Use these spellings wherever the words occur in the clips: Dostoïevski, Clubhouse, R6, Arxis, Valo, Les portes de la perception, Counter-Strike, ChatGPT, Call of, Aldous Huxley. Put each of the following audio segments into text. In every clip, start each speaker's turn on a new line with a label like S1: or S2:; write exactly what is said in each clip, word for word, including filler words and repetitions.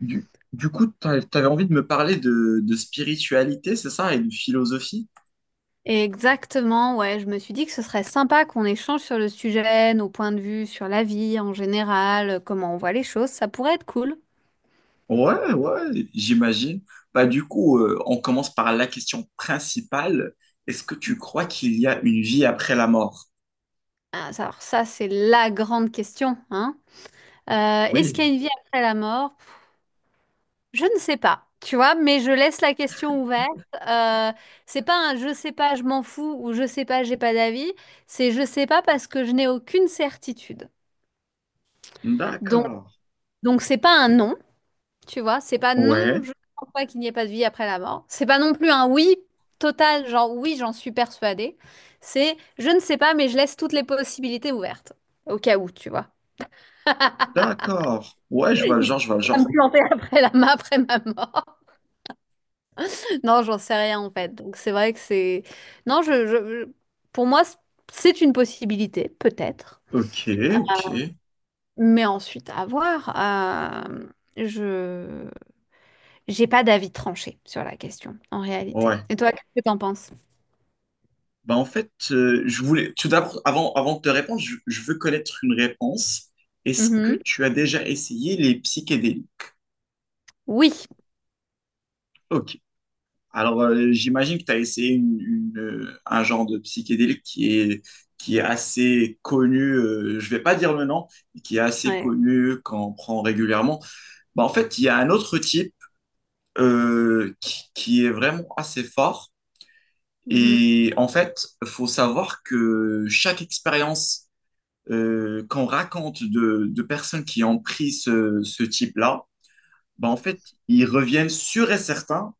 S1: Du, du coup, t'a- t'avais envie de me parler de, de spiritualité, c'est ça, et de philosophie?
S2: Exactement, ouais. Je me suis dit que ce serait sympa qu'on échange sur le sujet, nos points de vue sur la vie en général, euh, comment on voit les choses. Ça pourrait être cool.
S1: Ouais, ouais, j'imagine. Bah, du coup, euh, on commence par la question principale. Est-ce que tu crois qu'il y a une vie après la mort?
S2: Ah, ça- Alors ça, c'est la grande question, hein. Euh, est-ce
S1: Oui.
S2: qu'il y a une vie après la mort? Pff, Je ne sais pas, tu vois, mais je laisse la question ouverte. Euh, c'est pas un je sais pas, je m'en fous ou je sais pas, j'ai pas d'avis. C'est je sais pas parce que je n'ai aucune certitude. Donc,
S1: D'accord.
S2: donc c'est pas un non. Tu vois, c'est pas non,
S1: Ouais,
S2: je ne crois pas qu'il n'y ait pas de vie après la mort. C'est pas non plus un oui total, genre oui, j'en suis persuadée. C'est je ne sais pas, mais je laisse toutes les possibilités ouvertes. Au cas où, tu vois.
S1: d'accord. Ouais, je vois le genre, je
S2: Histoire
S1: vois le
S2: de pas
S1: genre.
S2: me planter après la ma- après ma mort. Non, j'en sais rien en fait. Donc c'est vrai que c'est. Non, je, je- je- Pour moi, c'est une possibilité, peut-être.
S1: Ok, ok.
S2: Mais ensuite, à voir. Euh, Je J'ai pas d'avis tranché sur la question, en réalité.
S1: Ouais.
S2: Et toi, qu'est-ce que t'en penses?
S1: Bah, en fait, euh, je voulais, tout d'abord, avant, avant de te répondre, je, je veux connaître une réponse. Est-ce que tu as déjà essayé les psychédéliques?
S2: Oui.
S1: Ok. Alors, euh, j'imagine que tu as essayé une- une, euh, un genre de psychédélique qui est, qui est assez connu, euh, je vais pas dire le nom, mais qui est assez
S2: Ouais.
S1: connu quand on prend régulièrement. Bah, en fait, il y a un autre type euh, qui, qui est vraiment assez fort.
S2: Mhm.
S1: Et en fait, faut savoir que chaque expérience euh, qu'on raconte de, de personnes qui ont pris ce, ce type-là, bah, en fait, ils reviennent sûrs et certains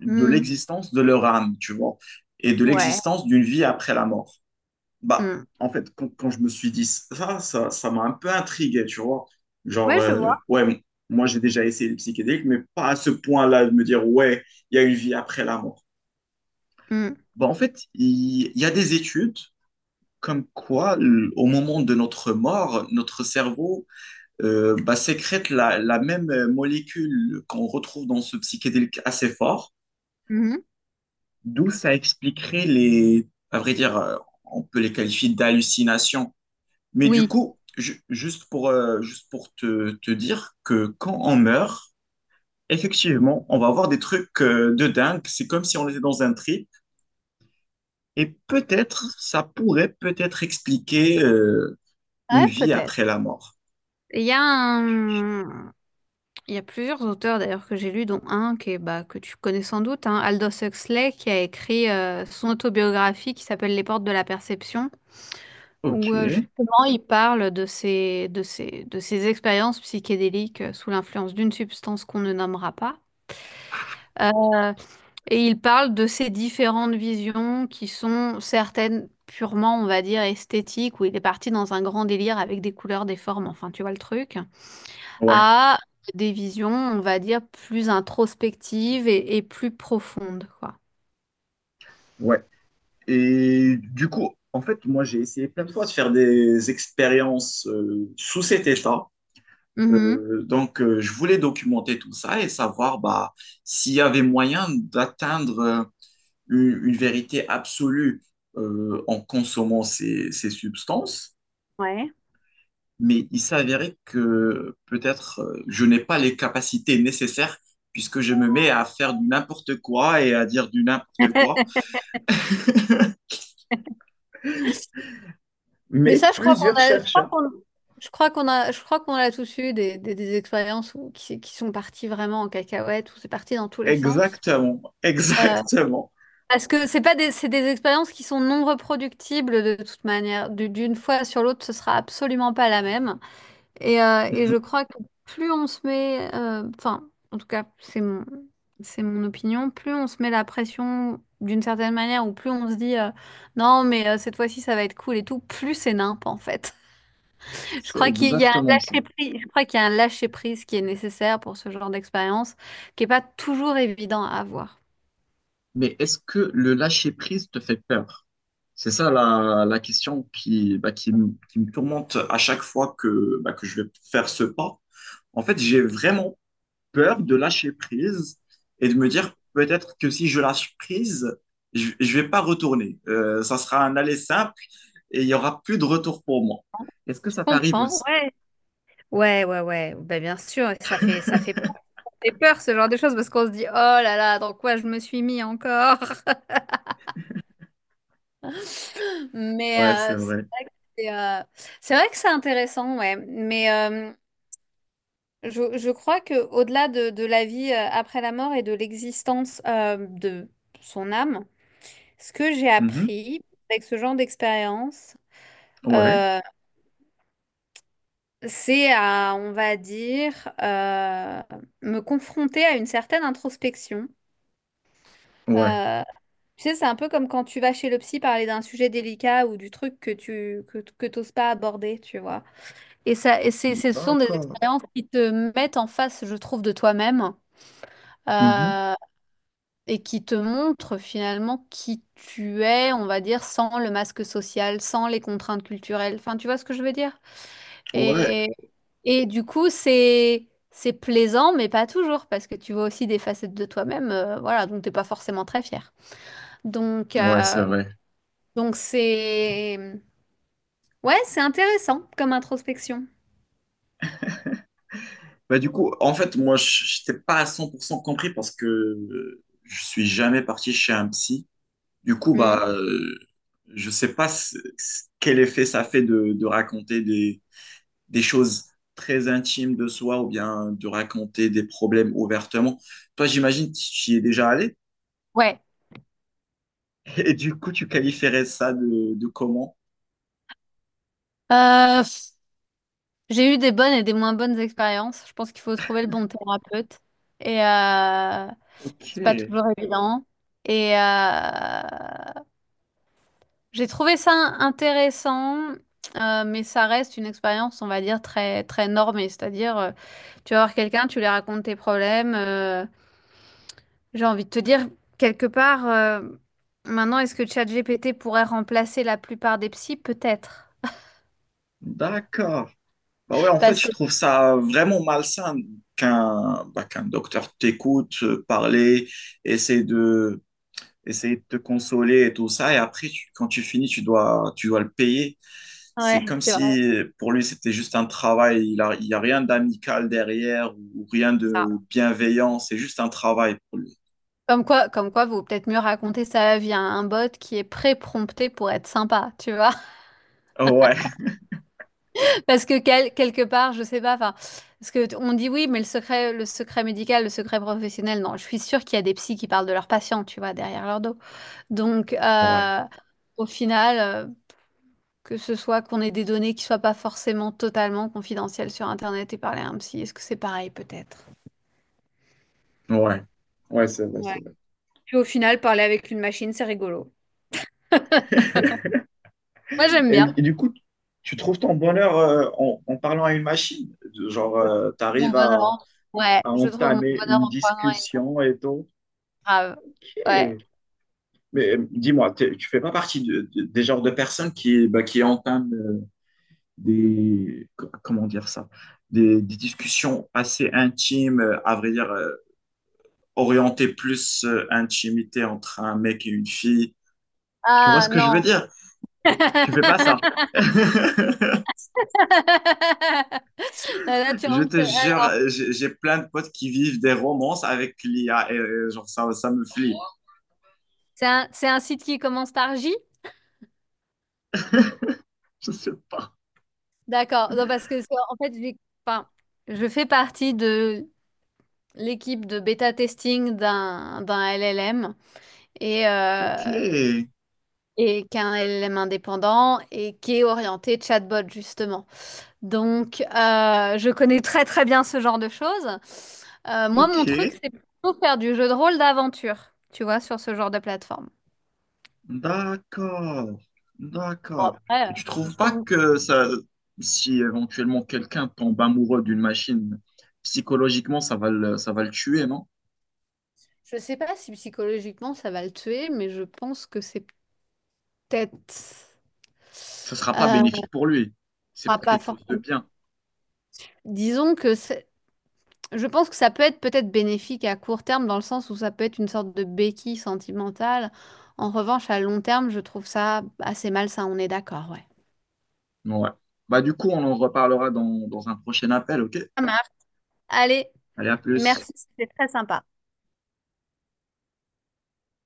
S1: de
S2: Mm.
S1: l'existence de leur âme, tu vois, et de
S2: Ouais.
S1: l'existence d'une vie après la mort. Bah,
S2: Mm.
S1: en fait, quand, quand je me suis dit ça, ça, ça m'a un peu intrigué, tu vois. Genre,
S2: Ouais, je
S1: euh,
S2: vois.
S1: ouais, moi j'ai déjà essayé les psychédéliques, mais pas à ce point-là de me dire, ouais, il y a une vie après la mort.
S2: Mm.
S1: Bah, en fait, il il y a des études comme quoi, l- au moment de notre mort, notre cerveau euh, bah, sécrète la, la même euh, molécule qu'on retrouve dans ce psychédélique assez fort.
S2: Mhm.
S1: D'où ça expliquerait les, à vrai dire, euh, on peut les qualifier d'hallucinations. Mais du
S2: Oui.
S1: coup, ju- juste pour, euh, juste pour te, te dire que quand on meurt, effectivement, on va avoir des trucs euh, de dingue. C'est comme si on était dans un trip. Et peut-être, ça pourrait peut-être expliquer euh, une
S2: Ouais,
S1: vie
S2: peut-être.
S1: après la mort.
S2: Il y a un... il y a plusieurs auteurs d'ailleurs que j'ai lus, dont un qui est, bah, que tu connais sans doute, hein, Aldous Huxley, qui a écrit euh, son autobiographie qui s'appelle Les portes de la perception,
S1: Ok.
S2: où euh, justement il parle de ses, de ses, de ses expériences psychédéliques euh, sous l'influence d'une substance qu'on ne nommera pas. Et il parle de ces différentes visions qui sont certaines purement, on va dire, esthétiques, où il est parti dans un grand délire avec des couleurs, des formes, enfin, tu vois le truc,
S1: Ouais,
S2: à des visions, on va dire, plus introspectives et, et plus profondes, quoi.
S1: ouais. Et du coup, en fait, moi, j'ai essayé plein de fois de faire des expériences euh, sous cet état.
S2: Mhm.
S1: Euh, donc, euh, je voulais documenter tout ça et savoir bah, s'il y avait moyen d'atteindre euh, une, une vérité absolue euh, en consommant ces, ces substances,
S2: Ouais.
S1: mais il s'avérait que peut-être euh, je n'ai pas les capacités nécessaires puisque je me mets à faire du n'importe quoi et à dire du n'importe quoi.
S2: Mais
S1: Mais
S2: ça, je crois
S1: plusieurs
S2: qu'on a, je crois
S1: chercheurs.
S2: qu'on, je crois qu'on a, je crois qu'on a tous eu des, des, des expériences où, qui, qui sont parties vraiment en cacahuète, où c'est parti dans tous les sens.
S1: Exactement,
S2: Euh,
S1: exactement.
S2: Parce que c'est pas des, c'est des expériences qui sont non reproductibles de toute manière. Du- D'une fois sur l'autre, ce sera absolument pas la même. Et, euh, et je
S1: Mhm.
S2: crois que plus on se met, euh, enfin, en tout cas, c'est mon, c'est mon opinion, plus on se met la pression d'une certaine manière ou plus on se dit euh, non, mais euh, cette fois-ci, ça va être cool et tout, plus c'est nimp en fait. Je
S1: C'est
S2: crois qu'il y a un
S1: exactement ça.
S2: lâcher-prise, je crois qu'il y a un lâcher-prise qui est nécessaire pour ce genre d'expérience, qui est pas toujours évident à avoir.
S1: Mais est-ce que le lâcher-prise te fait peur? C'est ça la, la question qui, bah, qui, me qui me tourmente à chaque fois que, bah, que je vais faire ce pas. En fait, j'ai vraiment peur de lâcher prise et de me dire peut-être que si je lâche prise, je ne vais pas retourner. Euh, ça sera un aller simple et il n'y aura plus de retour pour moi. Est-ce que
S2: Je
S1: ça t'arrive
S2: comprends,
S1: aussi?
S2: ouais. Ouais, ouais, ouais, ben, bien sûr, et ça fait, ça fait peur, ça fait peur, ce genre de choses parce qu'on se dit, oh là là, dans quoi je me suis mis encore? Mais
S1: Ouais, c'est
S2: euh,
S1: vrai.
S2: c'est euh, c'est vrai que c'est intéressant, ouais. Mais euh, je, je crois que au-delà de, de la vie euh, après la mort et de l'existence euh, de son âme, ce que j'ai
S1: Mhm.
S2: appris avec ce genre d'expérience,
S1: Ouais,
S2: euh, c'est à, on va dire, euh, me confronter à une certaine introspection.
S1: ouais.
S2: Euh, Tu sais, c'est un peu comme quand tu vas chez le psy parler d'un sujet délicat ou du truc que tu que, que t'oses pas aborder, tu vois. Et ça, et c'est, ce sont des
S1: D'accord.
S2: expériences qui te mettent en face, je trouve, de toi-même
S1: Mhm.
S2: euh, et qui te montrent finalement qui tu es, on va dire, sans le masque social, sans les contraintes culturelles. Enfin, tu vois ce que je veux dire?
S1: Ouais,
S2: Et, et du coup, c'est c'est plaisant, mais pas toujours, parce que tu vois aussi des facettes de toi-même. Euh, voilà, donc t'es pas forcément très fier. Donc,
S1: ouais, c'est
S2: euh,
S1: vrai.
S2: Donc c'est... Ouais, c'est intéressant comme introspection.
S1: Bah, du coup, en fait, moi, je n'étais pas à cent pour cent compris parce que euh, je suis jamais parti chez un psy. Du coup,
S2: Hmm.
S1: bah, euh, je sais pas ce- ce- quel effet ça fait de, de raconter des, des choses très intimes de soi ou bien de raconter des problèmes ouvertement. Toi, j'imagine que tu y es déjà allé
S2: Ouais.
S1: et du coup, tu qualifierais ça de, de comment?
S2: Euh, pff, j'ai eu des bonnes et des moins bonnes expériences. Je pense qu'il faut trouver le bon thérapeute. Et euh,
S1: Ok,
S2: c'est pas toujours évident. Et euh, j'ai trouvé ça intéressant, euh, mais ça reste une expérience, on va dire, très, très normée. C'est-à-dire, euh, tu vas voir quelqu'un, tu lui racontes tes problèmes. euh, J'ai envie de te dire, quelque part, euh, maintenant, est-ce que ChatGPT pourrait remplacer la plupart des psys? Peut-être.
S1: d'accord. Bah ouais, en fait,
S2: Parce
S1: je
S2: que,
S1: trouve ça vraiment malsain qu'un bah, qu'un docteur t'écoute euh, parler, essaie de, essayer de te consoler et tout ça, et après, tu- quand tu finis, tu dois, tu dois le payer. C'est
S2: ouais,
S1: comme
S2: c'est vrai.
S1: si euh, pour lui, c'était juste un travail, il a, il y a rien d'amical derrière ou rien
S2: Ça.
S1: de bienveillant, c'est juste un travail pour lui.
S2: Comme quoi, comme quoi, vaut peut-être mieux raconter sa vie à un bot qui est pré-prompté pour être sympa, tu vois?
S1: Ouais,
S2: Parce que quel- quelque part, je sais pas, enfin, parce que t- on dit oui, mais le secret, le secret médical, le secret professionnel, non, je suis sûre qu'il y a des psys qui parlent de leurs patients, tu vois, derrière leur dos. Donc,
S1: ouais,
S2: euh, Au final. euh, Que ce soit qu'on ait des données qui soient pas forcément totalement confidentielles sur internet et parler à un psy, est-ce que c'est pareil peut-être?
S1: ouais, ouais, c'est vrai,
S2: Ouais.
S1: c'est vrai.
S2: Puis au final, parler avec une machine, c'est rigolo. Moi j'aime
S1: Et,
S2: bien.
S1: et du coup, tu trouves ton bonheur euh, en, en parlant à une machine? Genre, tu
S2: Mon
S1: arrives
S2: bonheur.
S1: à
S2: en- Ouais,
S1: à
S2: je trouve mon
S1: entamer
S2: bonheur
S1: une
S2: en prenant une
S1: discussion et tout.
S2: grave.
S1: Ok.
S2: Ouais.
S1: Mais euh, dis-moi, t'es- tu fais pas partie de- de- des genres de personnes qui, bah, qui entament euh, des, co- comment dire ça, des, des discussions assez intimes, euh, à vrai dire, euh, orientées plus euh, intimité entre un mec et une fille. Tu vois
S2: Ah
S1: ce que je veux
S2: non.
S1: dire? Tu fais pas ça.
S2: Là, tu
S1: Je
S2: rentres.
S1: te
S2: Sur-
S1: jure,
S2: Alors,
S1: euh, j'ai j'ai plein de potes qui vivent des romances avec l'I A et euh, genre ça, ça me flippe.
S2: C'est un, c'est un site qui commence par J?
S1: Je sais pas.
S2: D'accord. Non, parce que c'est- en fait, j'ai- enfin, Je fais partie de l'équipe de bêta testing d'un d'un L L M et,
S1: Ok,
S2: euh, et qu'un L L M indépendant et qui est orienté chatbot justement. Donc, euh, je connais très très bien ce genre de choses. Euh, moi,
S1: ok.
S2: mon truc, c'est plutôt faire du jeu de rôle d'aventure, tu vois, sur ce genre de plateforme.
S1: D'accord,
S2: Bon,
S1: d'accord.
S2: après, euh,
S1: Et tu
S2: si
S1: trouves
S2: je
S1: pas
S2: tombe...
S1: que ça, si éventuellement quelqu'un tombe amoureux d'une machine, psychologiquement, ça va le, ça va le tuer, non?
S2: Je sais pas si psychologiquement ça va le tuer, mais je pense que c'est peut-être...
S1: Ça sera pas
S2: Euh, on
S1: bénéfique pour lui. C'est
S2: pourra
S1: pas
S2: pas
S1: quelque chose de
S2: forcément...
S1: bien.
S2: Disons que c'est- je pense que ça peut être peut-être bénéfique à court terme dans le sens où ça peut être une sorte de béquille sentimentale. En revanche, à long terme, je trouve ça assez malsain, on est d'accord, ouais.
S1: Ouais. Bah, du coup, on en reparlera dans, dans un prochain appel, ok?
S2: Ça marche. Allez,
S1: Allez, à plus.
S2: merci, c'était très sympa.